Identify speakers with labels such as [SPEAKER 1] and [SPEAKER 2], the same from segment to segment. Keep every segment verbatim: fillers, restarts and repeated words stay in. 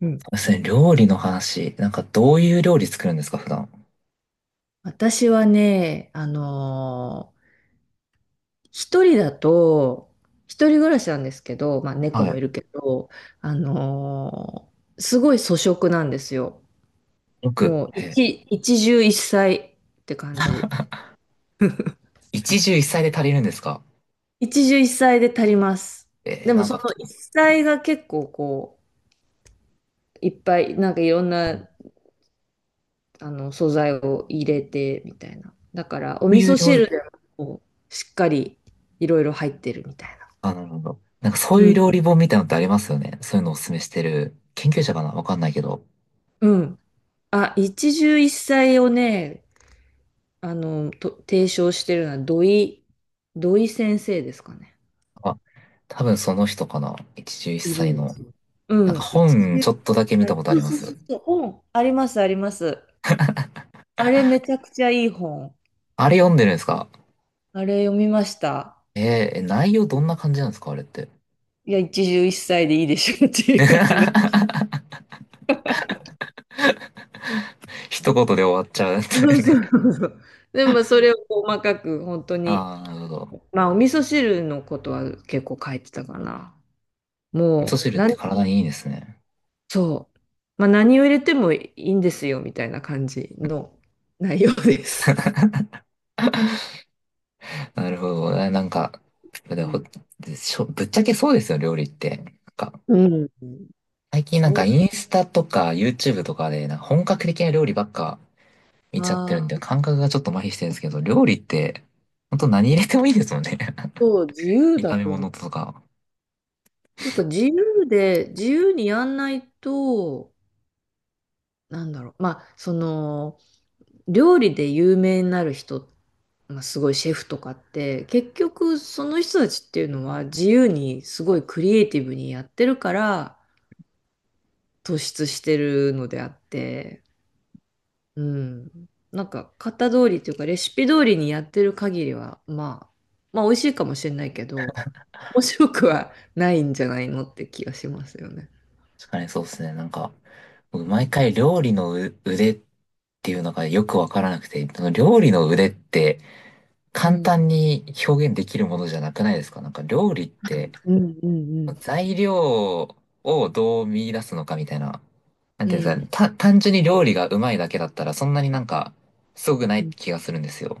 [SPEAKER 1] うん。
[SPEAKER 2] ですね。料理の話、なんかどういう料理作るんですか、普段。
[SPEAKER 1] 私はね、あのー一人だと、一人暮らしなんですけど、まあ猫
[SPEAKER 2] は
[SPEAKER 1] もい
[SPEAKER 2] い。
[SPEAKER 1] るけど、あのーすごい粗食なんですよ。
[SPEAKER 2] よく、
[SPEAKER 1] もう
[SPEAKER 2] えー、
[SPEAKER 1] 一、一汁一菜って感じ。
[SPEAKER 2] 一汁一菜で足りるんですか？
[SPEAKER 1] 一汁一菜で足ります。
[SPEAKER 2] え
[SPEAKER 1] で
[SPEAKER 2] ー、
[SPEAKER 1] も
[SPEAKER 2] なん
[SPEAKER 1] そ
[SPEAKER 2] か、
[SPEAKER 1] の
[SPEAKER 2] こ
[SPEAKER 1] 一菜が結構こう、いっぱい、なんかいろんな、あの、素材を入れて、みたいな。だから、お
[SPEAKER 2] う
[SPEAKER 1] 味
[SPEAKER 2] いう
[SPEAKER 1] 噌
[SPEAKER 2] 料理、
[SPEAKER 1] 汁でもこうしっかりいろいろ入ってるみたいな。
[SPEAKER 2] あ、なるほど。なんかそう
[SPEAKER 1] う
[SPEAKER 2] いう
[SPEAKER 1] ん。
[SPEAKER 2] 料理本みたいなのってありますよね。そういうのをお勧めしてる。研究者かなわかんないけど。
[SPEAKER 1] うん、あ、一汁一菜をね、あの、と提唱してるのは土井、土井先生ですかね。
[SPEAKER 2] あ、多分その人かな。一汁一
[SPEAKER 1] いる
[SPEAKER 2] 菜
[SPEAKER 1] んで
[SPEAKER 2] の。
[SPEAKER 1] すよ。う
[SPEAKER 2] なんか
[SPEAKER 1] ん、一
[SPEAKER 2] 本
[SPEAKER 1] 汁
[SPEAKER 2] ちょっと
[SPEAKER 1] 一
[SPEAKER 2] だけ見た
[SPEAKER 1] 菜。
[SPEAKER 2] ことあ
[SPEAKER 1] そう
[SPEAKER 2] りま
[SPEAKER 1] そうそ
[SPEAKER 2] す。
[SPEAKER 1] うそう、本。あります、あります。あれめちゃくちゃいい本。
[SPEAKER 2] あれ読んでるんですか？
[SPEAKER 1] あれ読みました。
[SPEAKER 2] えー、内容どんな感じなんですかあれって。
[SPEAKER 1] いや、一汁一菜でいいでしょっていう話。
[SPEAKER 2] 一言で終わっちゃうって
[SPEAKER 1] そうそう
[SPEAKER 2] ね。
[SPEAKER 1] そうそう。でもそれを細かく本当に、
[SPEAKER 2] ああ、なるほど。
[SPEAKER 1] まあお味噌汁のことは結構書いてたかな。
[SPEAKER 2] 味噌
[SPEAKER 1] も
[SPEAKER 2] 汁
[SPEAKER 1] う
[SPEAKER 2] って体にいいんですね。
[SPEAKER 1] そう。まあ、何を入れてもいいんですよ、みたいな感じの内容です。
[SPEAKER 2] なるほどね。なんか、
[SPEAKER 1] う
[SPEAKER 2] でほ、
[SPEAKER 1] ん。
[SPEAKER 2] しょ、ぶっちゃけそうですよ、料理って。なんか、
[SPEAKER 1] うん。
[SPEAKER 2] 最近なん
[SPEAKER 1] そう
[SPEAKER 2] かイン
[SPEAKER 1] だ
[SPEAKER 2] スタとか YouTube とかで、なんか本格的な料理ばっか見ちゃってるん
[SPEAKER 1] な。
[SPEAKER 2] で、感覚がちょっと麻痺してるんですけど、料理って、ほんと何入れてもいいですもんね。
[SPEAKER 1] そう、自 由だ
[SPEAKER 2] 炒め
[SPEAKER 1] と思う。
[SPEAKER 2] 物とか。
[SPEAKER 1] というか、自由で、自由にやんないと、なんだろう。まあ、その、料理で有名になる人、まあ、すごいシェフとかって、結局、その人たちっていうのは、自由に、すごいクリエイティブにやってるから、突出してるのであって、うん。なんか、型通りというか、レシピ通りにやってる限りは、まあ、まあ、美味しいかもしれないけど、面白くはないんじゃないのって気がしますよね。
[SPEAKER 2] 確かにそうですね。なんか、僕毎回料理のう腕っていうのがよくわからなくて、その料理の腕って
[SPEAKER 1] う
[SPEAKER 2] 簡
[SPEAKER 1] ん、
[SPEAKER 2] 単に表現できるものじゃなくないですか。なんか料理って、
[SPEAKER 1] うん、うん、
[SPEAKER 2] 材料をどう見出すのかみたいな。なん
[SPEAKER 1] うん。
[SPEAKER 2] ていうんで
[SPEAKER 1] う
[SPEAKER 2] すか
[SPEAKER 1] ん。
[SPEAKER 2] ね、た、単純に料理がうまいだけだったらそんなになんかすごくな
[SPEAKER 1] う
[SPEAKER 2] い
[SPEAKER 1] ん、
[SPEAKER 2] 気がするんですよ。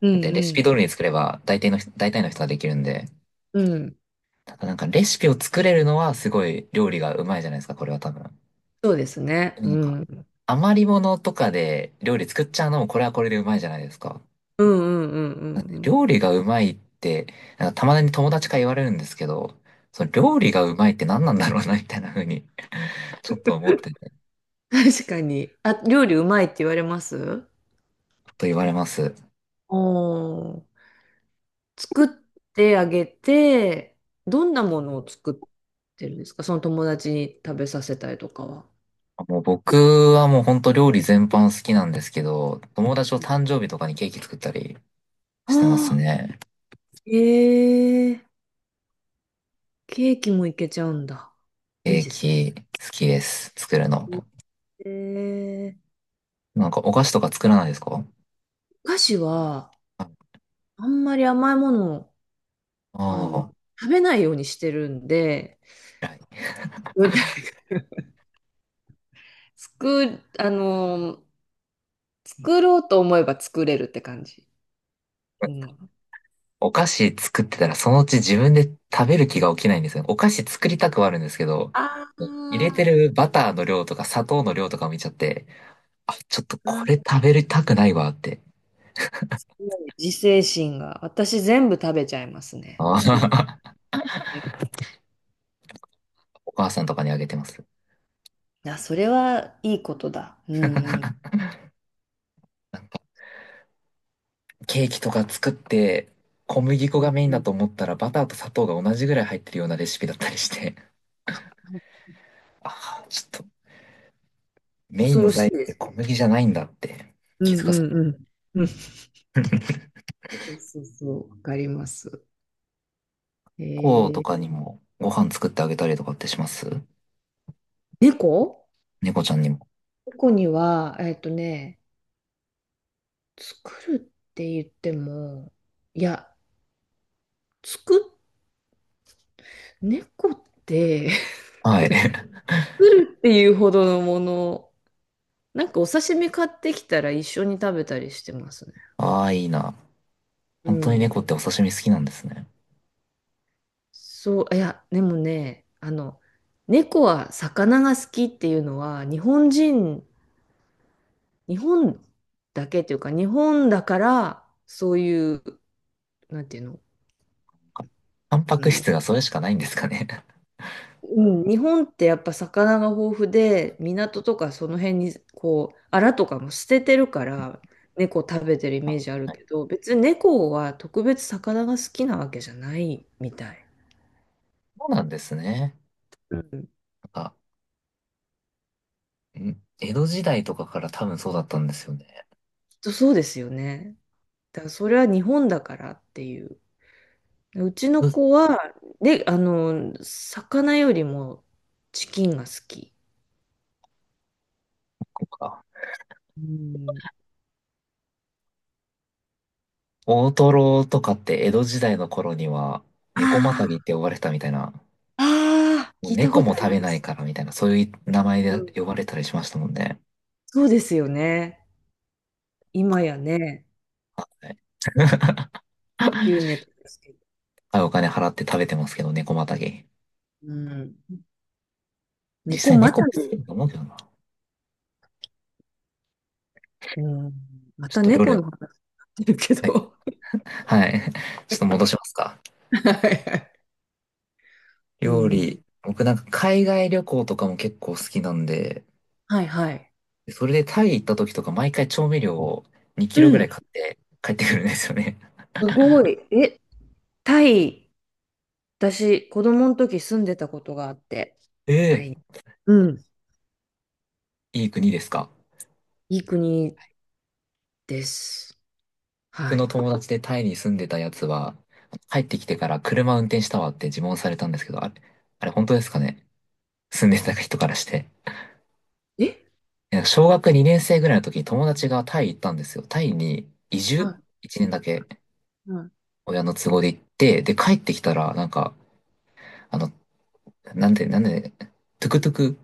[SPEAKER 1] う
[SPEAKER 2] だってレシピ通り
[SPEAKER 1] ん、
[SPEAKER 2] に作れば大体の人、大体の人はできるんで。
[SPEAKER 1] うん。
[SPEAKER 2] ただなんかレシピを作れるのはすごい料理がうまいじゃないですか、これは多分。
[SPEAKER 1] そうですね。
[SPEAKER 2] でも
[SPEAKER 1] う
[SPEAKER 2] なん
[SPEAKER 1] ん。
[SPEAKER 2] か
[SPEAKER 1] うん、
[SPEAKER 2] 余り物とかで料理作っちゃうのもこれはこれでうまいじゃないですか。
[SPEAKER 1] うん、うん、
[SPEAKER 2] なん
[SPEAKER 1] う
[SPEAKER 2] で、
[SPEAKER 1] ん
[SPEAKER 2] 料理がうまいって、なんかたまに友達から言われるんですけど、その料理がうまいって何なんだろうな、みたいな風に ちょっと思ってて、ち
[SPEAKER 1] うん。確かに。あ、料理うまいって言われます？
[SPEAKER 2] ょっと言われます。
[SPEAKER 1] おー。作ってあげて、どんなものを作ってるんですか、その友達に食べさせたりとかは。
[SPEAKER 2] もう僕はもう本当料理全般好きなんですけど、友達と誕生日とかにケーキ作ったりしてます
[SPEAKER 1] ああ、
[SPEAKER 2] ね。
[SPEAKER 1] ええ、ケーキもいけちゃうんだ。い
[SPEAKER 2] ケ
[SPEAKER 1] い
[SPEAKER 2] ー
[SPEAKER 1] ですね。
[SPEAKER 2] キ好きです。作るの。
[SPEAKER 1] ええ、
[SPEAKER 2] なんかお菓子とか作らないですか？
[SPEAKER 1] お菓子は、
[SPEAKER 2] あ
[SPEAKER 1] あんまり甘いものを、あの、
[SPEAKER 2] あ、
[SPEAKER 1] 食べないようにしてるんで、
[SPEAKER 2] ー、はい。
[SPEAKER 1] うん。 作、あの、作ろうと思えば作れるって感じ。うん。
[SPEAKER 2] お菓子作ってたらそのうち自分で食べる気が起きないんですよね。お菓子作りたくはあるんですけど、
[SPEAKER 1] あ
[SPEAKER 2] 入れて
[SPEAKER 1] あ、
[SPEAKER 2] るバターの量とか砂糖の量とか見ちゃって、あ、ちょっと
[SPEAKER 1] う
[SPEAKER 2] こ
[SPEAKER 1] ん、
[SPEAKER 2] れ食べたくないわって。
[SPEAKER 1] 自制心が。私全部食べちゃいますね。
[SPEAKER 2] あ
[SPEAKER 1] 作っ、
[SPEAKER 2] ー、 お母さんとかにあげてます。
[SPEAKER 1] あ、それはいいことだ。うんうん。
[SPEAKER 2] なんか、ケーキとか作って、小麦
[SPEAKER 1] う
[SPEAKER 2] 粉が
[SPEAKER 1] ん、
[SPEAKER 2] メインだと思ったらバターと砂糖が同じぐらい入ってるようなレシピだったりして、ああちょっとメイ
[SPEAKER 1] 恐
[SPEAKER 2] ンの
[SPEAKER 1] ろしい
[SPEAKER 2] 材料っ
[SPEAKER 1] で
[SPEAKER 2] て
[SPEAKER 1] す。
[SPEAKER 2] 小麦じゃないんだって
[SPEAKER 1] う
[SPEAKER 2] 気
[SPEAKER 1] ん
[SPEAKER 2] づかさ
[SPEAKER 1] う
[SPEAKER 2] れ
[SPEAKER 1] ん
[SPEAKER 2] た。
[SPEAKER 1] うん。うん。そうそうそう。わかります。え
[SPEAKER 2] 猫とか
[SPEAKER 1] ー、
[SPEAKER 2] にもご飯作ってあげたりとかってします？
[SPEAKER 1] 猫
[SPEAKER 2] 猫ちゃんにも。
[SPEAKER 1] 猫には、えっとね、作るって言っても、いや、作っ、猫って、
[SPEAKER 2] はい。
[SPEAKER 1] 作るっていうほどのもの、なんかお刺身買ってきたら一緒に食べたりしてますね。
[SPEAKER 2] ああ、いいな。
[SPEAKER 1] う
[SPEAKER 2] 本当に
[SPEAKER 1] ん。
[SPEAKER 2] 猫ってお刺身好きなんですね。
[SPEAKER 1] そう、いや、でもね、あの、猫は魚が好きっていうのは、日本人日本だけというか、日本だから、そういう、なんていうの、
[SPEAKER 2] あ、タンパ
[SPEAKER 1] う
[SPEAKER 2] ク
[SPEAKER 1] ん。
[SPEAKER 2] 質がそれしかないんですかね。
[SPEAKER 1] うん、日本ってやっぱ魚が豊富で、港とかその辺に、こう、アラとかも捨ててるから、猫食べてるイメー
[SPEAKER 2] あ、
[SPEAKER 1] ジある
[SPEAKER 2] はい。
[SPEAKER 1] けど、別に猫は特別魚が好きなわけじゃないみたい。
[SPEAKER 2] そうなんですね。なんか、ん、江戸時代とかから多分そうだったんですよね。
[SPEAKER 1] きっとそうですよね。だからそれは日本だからっていう。うちの
[SPEAKER 2] うん、
[SPEAKER 1] 子は、で、あの、魚よりもチキンが好き。
[SPEAKER 2] こうか。
[SPEAKER 1] うん、
[SPEAKER 2] 大トロとかって江戸時代の頃には猫また
[SPEAKER 1] あ
[SPEAKER 2] ぎって呼ばれてたみたいな、
[SPEAKER 1] あ、あ
[SPEAKER 2] もう
[SPEAKER 1] 聞いた
[SPEAKER 2] 猫
[SPEAKER 1] こと
[SPEAKER 2] も
[SPEAKER 1] あり
[SPEAKER 2] 食
[SPEAKER 1] ま
[SPEAKER 2] べない
[SPEAKER 1] す。
[SPEAKER 2] からみたいな、そういう名前
[SPEAKER 1] う
[SPEAKER 2] で
[SPEAKER 1] ん、
[SPEAKER 2] 呼ばれたりしましたもんね。
[SPEAKER 1] そうですよね。今やね、
[SPEAKER 2] はい、
[SPEAKER 1] 急ネタですけど。
[SPEAKER 2] 高いお金払って食べてますけど、猫またぎ。
[SPEAKER 1] うん。
[SPEAKER 2] 実
[SPEAKER 1] 猫
[SPEAKER 2] 際
[SPEAKER 1] ま
[SPEAKER 2] 猫
[SPEAKER 1] た、
[SPEAKER 2] も好きだと思うけどな。
[SPEAKER 1] うん、ま
[SPEAKER 2] ちょっ
[SPEAKER 1] た
[SPEAKER 2] と料理
[SPEAKER 1] 猫
[SPEAKER 2] の、
[SPEAKER 1] の話になってるけ
[SPEAKER 2] はい。
[SPEAKER 1] ど。
[SPEAKER 2] はい ちょっと戻しますか。
[SPEAKER 1] はいはい、う
[SPEAKER 2] 料
[SPEAKER 1] ん。
[SPEAKER 2] 理。僕なんか海外旅行とかも結構好きなんで、
[SPEAKER 1] はいはい。
[SPEAKER 2] それでタイ行った時とか毎回調味料を2
[SPEAKER 1] う
[SPEAKER 2] キロぐらい
[SPEAKER 1] ん。
[SPEAKER 2] 買って帰ってくるんですよね。
[SPEAKER 1] すごい。え、タイ、私、子供の時住んでたことがあって、
[SPEAKER 2] ええ、
[SPEAKER 1] うん。
[SPEAKER 2] いい国ですか？
[SPEAKER 1] いい国です。
[SPEAKER 2] 僕
[SPEAKER 1] は
[SPEAKER 2] の
[SPEAKER 1] い。
[SPEAKER 2] 友達でタイに住んでたやつは、帰ってきてから車運転したわって自問されたんですけど、あれ、あれ本当ですかね、住んでた人からして。
[SPEAKER 1] え、
[SPEAKER 2] なんか小学にねん生ぐらいの時に友達がタイ行ったんですよ。タイに移
[SPEAKER 1] は
[SPEAKER 2] 住？ いち 年だけ
[SPEAKER 1] い。はい。
[SPEAKER 2] 親の都合で行って、で帰ってきたらなんか、あの、なんで、なんで、トゥクトゥク、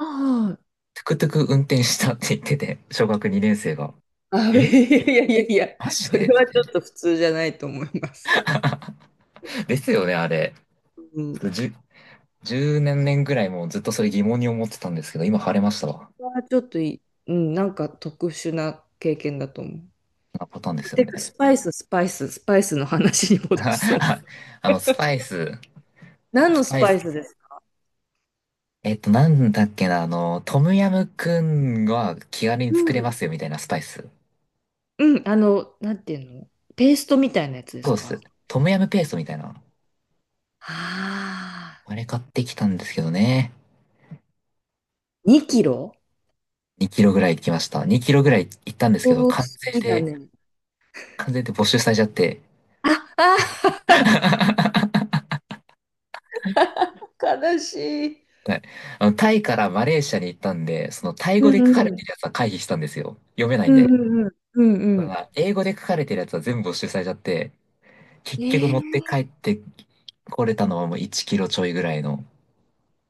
[SPEAKER 1] あ
[SPEAKER 2] トゥクトゥク運転したって言ってて、小学にねん生が。
[SPEAKER 1] あ、あ、
[SPEAKER 2] え、
[SPEAKER 1] いやいやいやいや、
[SPEAKER 2] マジ
[SPEAKER 1] それ
[SPEAKER 2] でみ
[SPEAKER 1] は
[SPEAKER 2] た
[SPEAKER 1] ち
[SPEAKER 2] い
[SPEAKER 1] ょ
[SPEAKER 2] な。
[SPEAKER 1] っと普通じゃないと思います。
[SPEAKER 2] ですよね、あれ。
[SPEAKER 1] うん、
[SPEAKER 2] ちょっとじゅう、年年ぐらいもうずっとそれ疑問に思ってたんですけど、今晴れましたわ。
[SPEAKER 1] はちょっとい、うん、なんか特殊な経験だと思
[SPEAKER 2] なパターンで
[SPEAKER 1] う。
[SPEAKER 2] すよ
[SPEAKER 1] てか、ス
[SPEAKER 2] ね。
[SPEAKER 1] パイス、スパイス、スパイスの話に 戻そう。
[SPEAKER 2] あの、スパイス、
[SPEAKER 1] 何
[SPEAKER 2] ス
[SPEAKER 1] のス
[SPEAKER 2] パイ
[SPEAKER 1] パ
[SPEAKER 2] ス。
[SPEAKER 1] イスですか？
[SPEAKER 2] えっと、なんだっけな、あの、トムヤムくんは気軽に
[SPEAKER 1] う
[SPEAKER 2] 作れま
[SPEAKER 1] ん。
[SPEAKER 2] すよ、みたいなスパイス。
[SPEAKER 1] うん、あの、なんていうの、ペーストみたいなやつです
[SPEAKER 2] そうで
[SPEAKER 1] か？
[SPEAKER 2] す。トムヤムペーストみたいな。
[SPEAKER 1] あ
[SPEAKER 2] あれ買ってきたんですけどね。
[SPEAKER 1] あー、にキロ、
[SPEAKER 2] にキロぐらい行きました。にキロぐらい行ったんですけど、
[SPEAKER 1] おー、好
[SPEAKER 2] 完全関税
[SPEAKER 1] きだ
[SPEAKER 2] で、
[SPEAKER 1] ね。
[SPEAKER 2] 関税で没収されちゃって。
[SPEAKER 1] あ、あ ー、悲しい。
[SPEAKER 2] はい。あの、タイからマレーシアに行ったんで、そのタイ
[SPEAKER 1] う
[SPEAKER 2] 語で書
[SPEAKER 1] ん
[SPEAKER 2] かれ
[SPEAKER 1] うん。
[SPEAKER 2] てるやつは回避したんですよ。読めない
[SPEAKER 1] う
[SPEAKER 2] ん
[SPEAKER 1] ん
[SPEAKER 2] で。
[SPEAKER 1] うんうん。うん
[SPEAKER 2] た
[SPEAKER 1] うん。
[SPEAKER 2] だ、英語で書かれてるやつは全部没収されちゃって、
[SPEAKER 1] え
[SPEAKER 2] 結局持って帰
[SPEAKER 1] ー、
[SPEAKER 2] ってこれたのはもういちキロちょいぐらいの。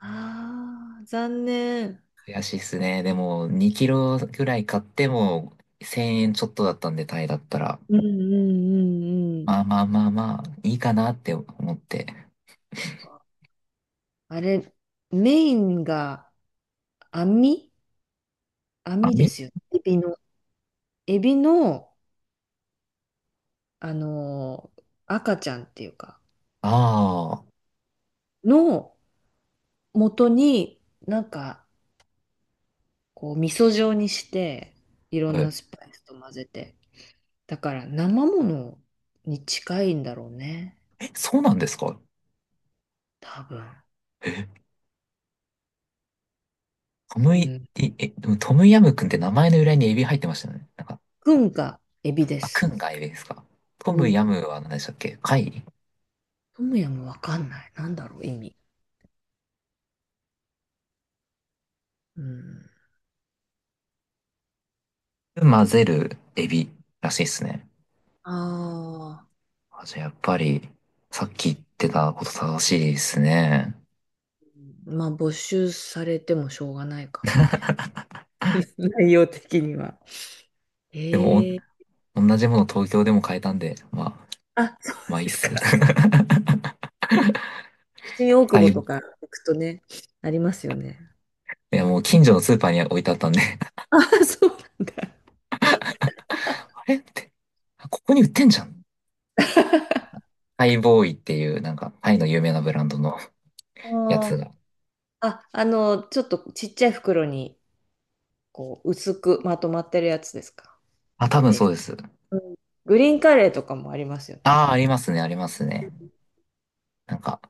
[SPEAKER 1] ああ、残念。
[SPEAKER 2] 悔しいっすね。でも、にキロぐらい買ってもせんえんちょっとだったんで、タイだったら。
[SPEAKER 1] うんうんうんうんうんうんうん、え、ああー、残念、うんうんうんうん、
[SPEAKER 2] まあまあまあまあ、いいかなって思って。
[SPEAKER 1] あれ、メインが網
[SPEAKER 2] あ、
[SPEAKER 1] 網で
[SPEAKER 2] み、
[SPEAKER 1] すよね。エビの、エビの、あのー赤ちゃんっていうか、
[SPEAKER 2] あ
[SPEAKER 1] の元に、なんか、こう、味噌状にして、いろ
[SPEAKER 2] あ、
[SPEAKER 1] ん
[SPEAKER 2] は
[SPEAKER 1] なス
[SPEAKER 2] い、
[SPEAKER 1] パイスと混ぜて。だから、生ものに近いんだろうね。
[SPEAKER 2] そうなんですか？
[SPEAKER 1] 多分。
[SPEAKER 2] え、トム
[SPEAKER 1] う
[SPEAKER 2] イ、
[SPEAKER 1] ん。
[SPEAKER 2] いえ、でもトムヤムくんって名前の由来にエビ入ってましたよね。なんか、
[SPEAKER 1] くんがエビで
[SPEAKER 2] あ、く
[SPEAKER 1] す。
[SPEAKER 2] んがエビですか？ト
[SPEAKER 1] う
[SPEAKER 2] ム
[SPEAKER 1] ん。
[SPEAKER 2] ヤムは何でしたっけ、貝？
[SPEAKER 1] トムヤムわかんない。なんだろう、意味。うん。
[SPEAKER 2] 混ぜるエビらしいですね。
[SPEAKER 1] ああ。
[SPEAKER 2] あ、じゃあやっぱり、さっき言ってたこと正しいですね。
[SPEAKER 1] まあ、没収されてもしょうがないか。内容的には。
[SPEAKER 2] でも、
[SPEAKER 1] へえ。
[SPEAKER 2] お同じもの東京でも買えたんで、まあ、
[SPEAKER 1] あ、そ
[SPEAKER 2] まあ
[SPEAKER 1] う
[SPEAKER 2] いい
[SPEAKER 1] で
[SPEAKER 2] っ
[SPEAKER 1] すか。
[SPEAKER 2] す。
[SPEAKER 1] 新大久
[SPEAKER 2] はい。
[SPEAKER 1] 保と
[SPEAKER 2] い
[SPEAKER 1] か行くとね、ありますよね。
[SPEAKER 2] や、もう近所のスーパーに置いてあったんで
[SPEAKER 1] あ、そうなんだ。
[SPEAKER 2] あれって、ここに売ってんじゃん。ハイボーイっていう、なんか、タイの有名なブランドのやつ
[SPEAKER 1] あー、
[SPEAKER 2] が。
[SPEAKER 1] あ、あの、ちょっとちっちゃい袋に、こう、薄くまとまってるやつですか。
[SPEAKER 2] あ、多分
[SPEAKER 1] ペー
[SPEAKER 2] そ
[SPEAKER 1] ス
[SPEAKER 2] うです。
[SPEAKER 1] ト。うん、グリーンカレーとかもありますよね。
[SPEAKER 2] ああ、ありますね、ありますね。なんか、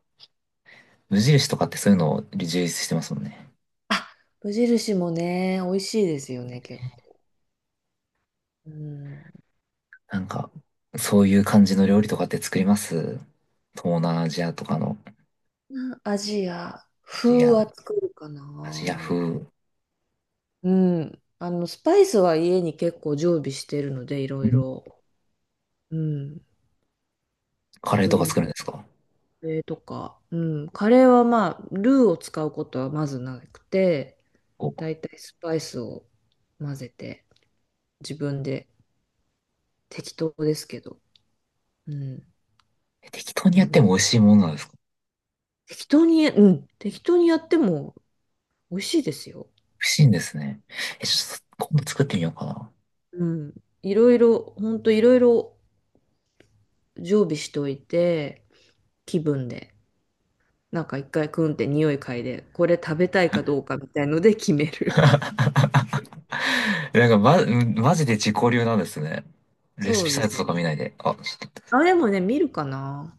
[SPEAKER 2] 無印とかってそういうのを充実してますもんね。
[SPEAKER 1] あ、無印もね、美味しいですよね、結構。うん。
[SPEAKER 2] なんか、そういう感じの料理とかって作ります？東南アジアとかの、
[SPEAKER 1] アジア
[SPEAKER 2] アジ
[SPEAKER 1] 風
[SPEAKER 2] ア、
[SPEAKER 1] は作るか
[SPEAKER 2] アジア
[SPEAKER 1] な。
[SPEAKER 2] 風、ん、
[SPEAKER 1] うん。あの、スパイスは家に結構常備してるので、いろいろ。うん。
[SPEAKER 2] カレー
[SPEAKER 1] 作
[SPEAKER 2] と
[SPEAKER 1] り、
[SPEAKER 2] か作るんですか？
[SPEAKER 1] カレーとか、うん、カレーはまあ、ルーを使うことはまずなくて、
[SPEAKER 2] お、
[SPEAKER 1] だいたいスパイスを混ぜて、自分で適当ですけど、うん、
[SPEAKER 2] え、適当に
[SPEAKER 1] や
[SPEAKER 2] や
[SPEAKER 1] り
[SPEAKER 2] って
[SPEAKER 1] ま
[SPEAKER 2] も美味
[SPEAKER 1] す。
[SPEAKER 2] しいものなんですか？
[SPEAKER 1] 適当に、うん、適当にやっても美味しいですよ。
[SPEAKER 2] 美味しいんですね。え、ちょっと、今度作ってみようかな。
[SPEAKER 1] うん、いろいろ、ほんといろいろ常備しといて、気分で、なんか一回クンって匂い嗅いで、これ食べたいかどうかみたいので決め る。
[SPEAKER 2] なんか、ま、マジで自己流なんですね。レ
[SPEAKER 1] そ
[SPEAKER 2] シ
[SPEAKER 1] う
[SPEAKER 2] ピ
[SPEAKER 1] で
[SPEAKER 2] サイ
[SPEAKER 1] す
[SPEAKER 2] トと
[SPEAKER 1] ね。
[SPEAKER 2] か見ないで。あ、ちょっ
[SPEAKER 1] あ、でもね、見るかな。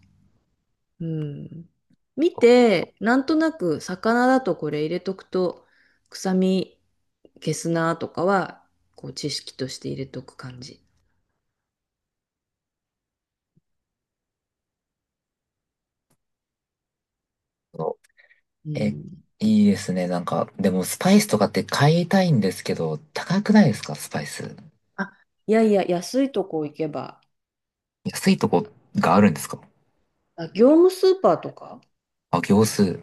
[SPEAKER 1] うん。見て、なんとなく魚だとこれ入れとくと、臭み消すなとかは、こう知識として入れとく感じ。
[SPEAKER 2] と、
[SPEAKER 1] う
[SPEAKER 2] え、
[SPEAKER 1] ん。
[SPEAKER 2] いいですね。なんか、でもスパイスとかって買いたいんですけど、高くないですか、スパイス。
[SPEAKER 1] あ、いやいや、安いとこ行けば、
[SPEAKER 2] 安いとこがあるんですか？
[SPEAKER 1] あ、業務スーパーとか
[SPEAKER 2] あ、行数。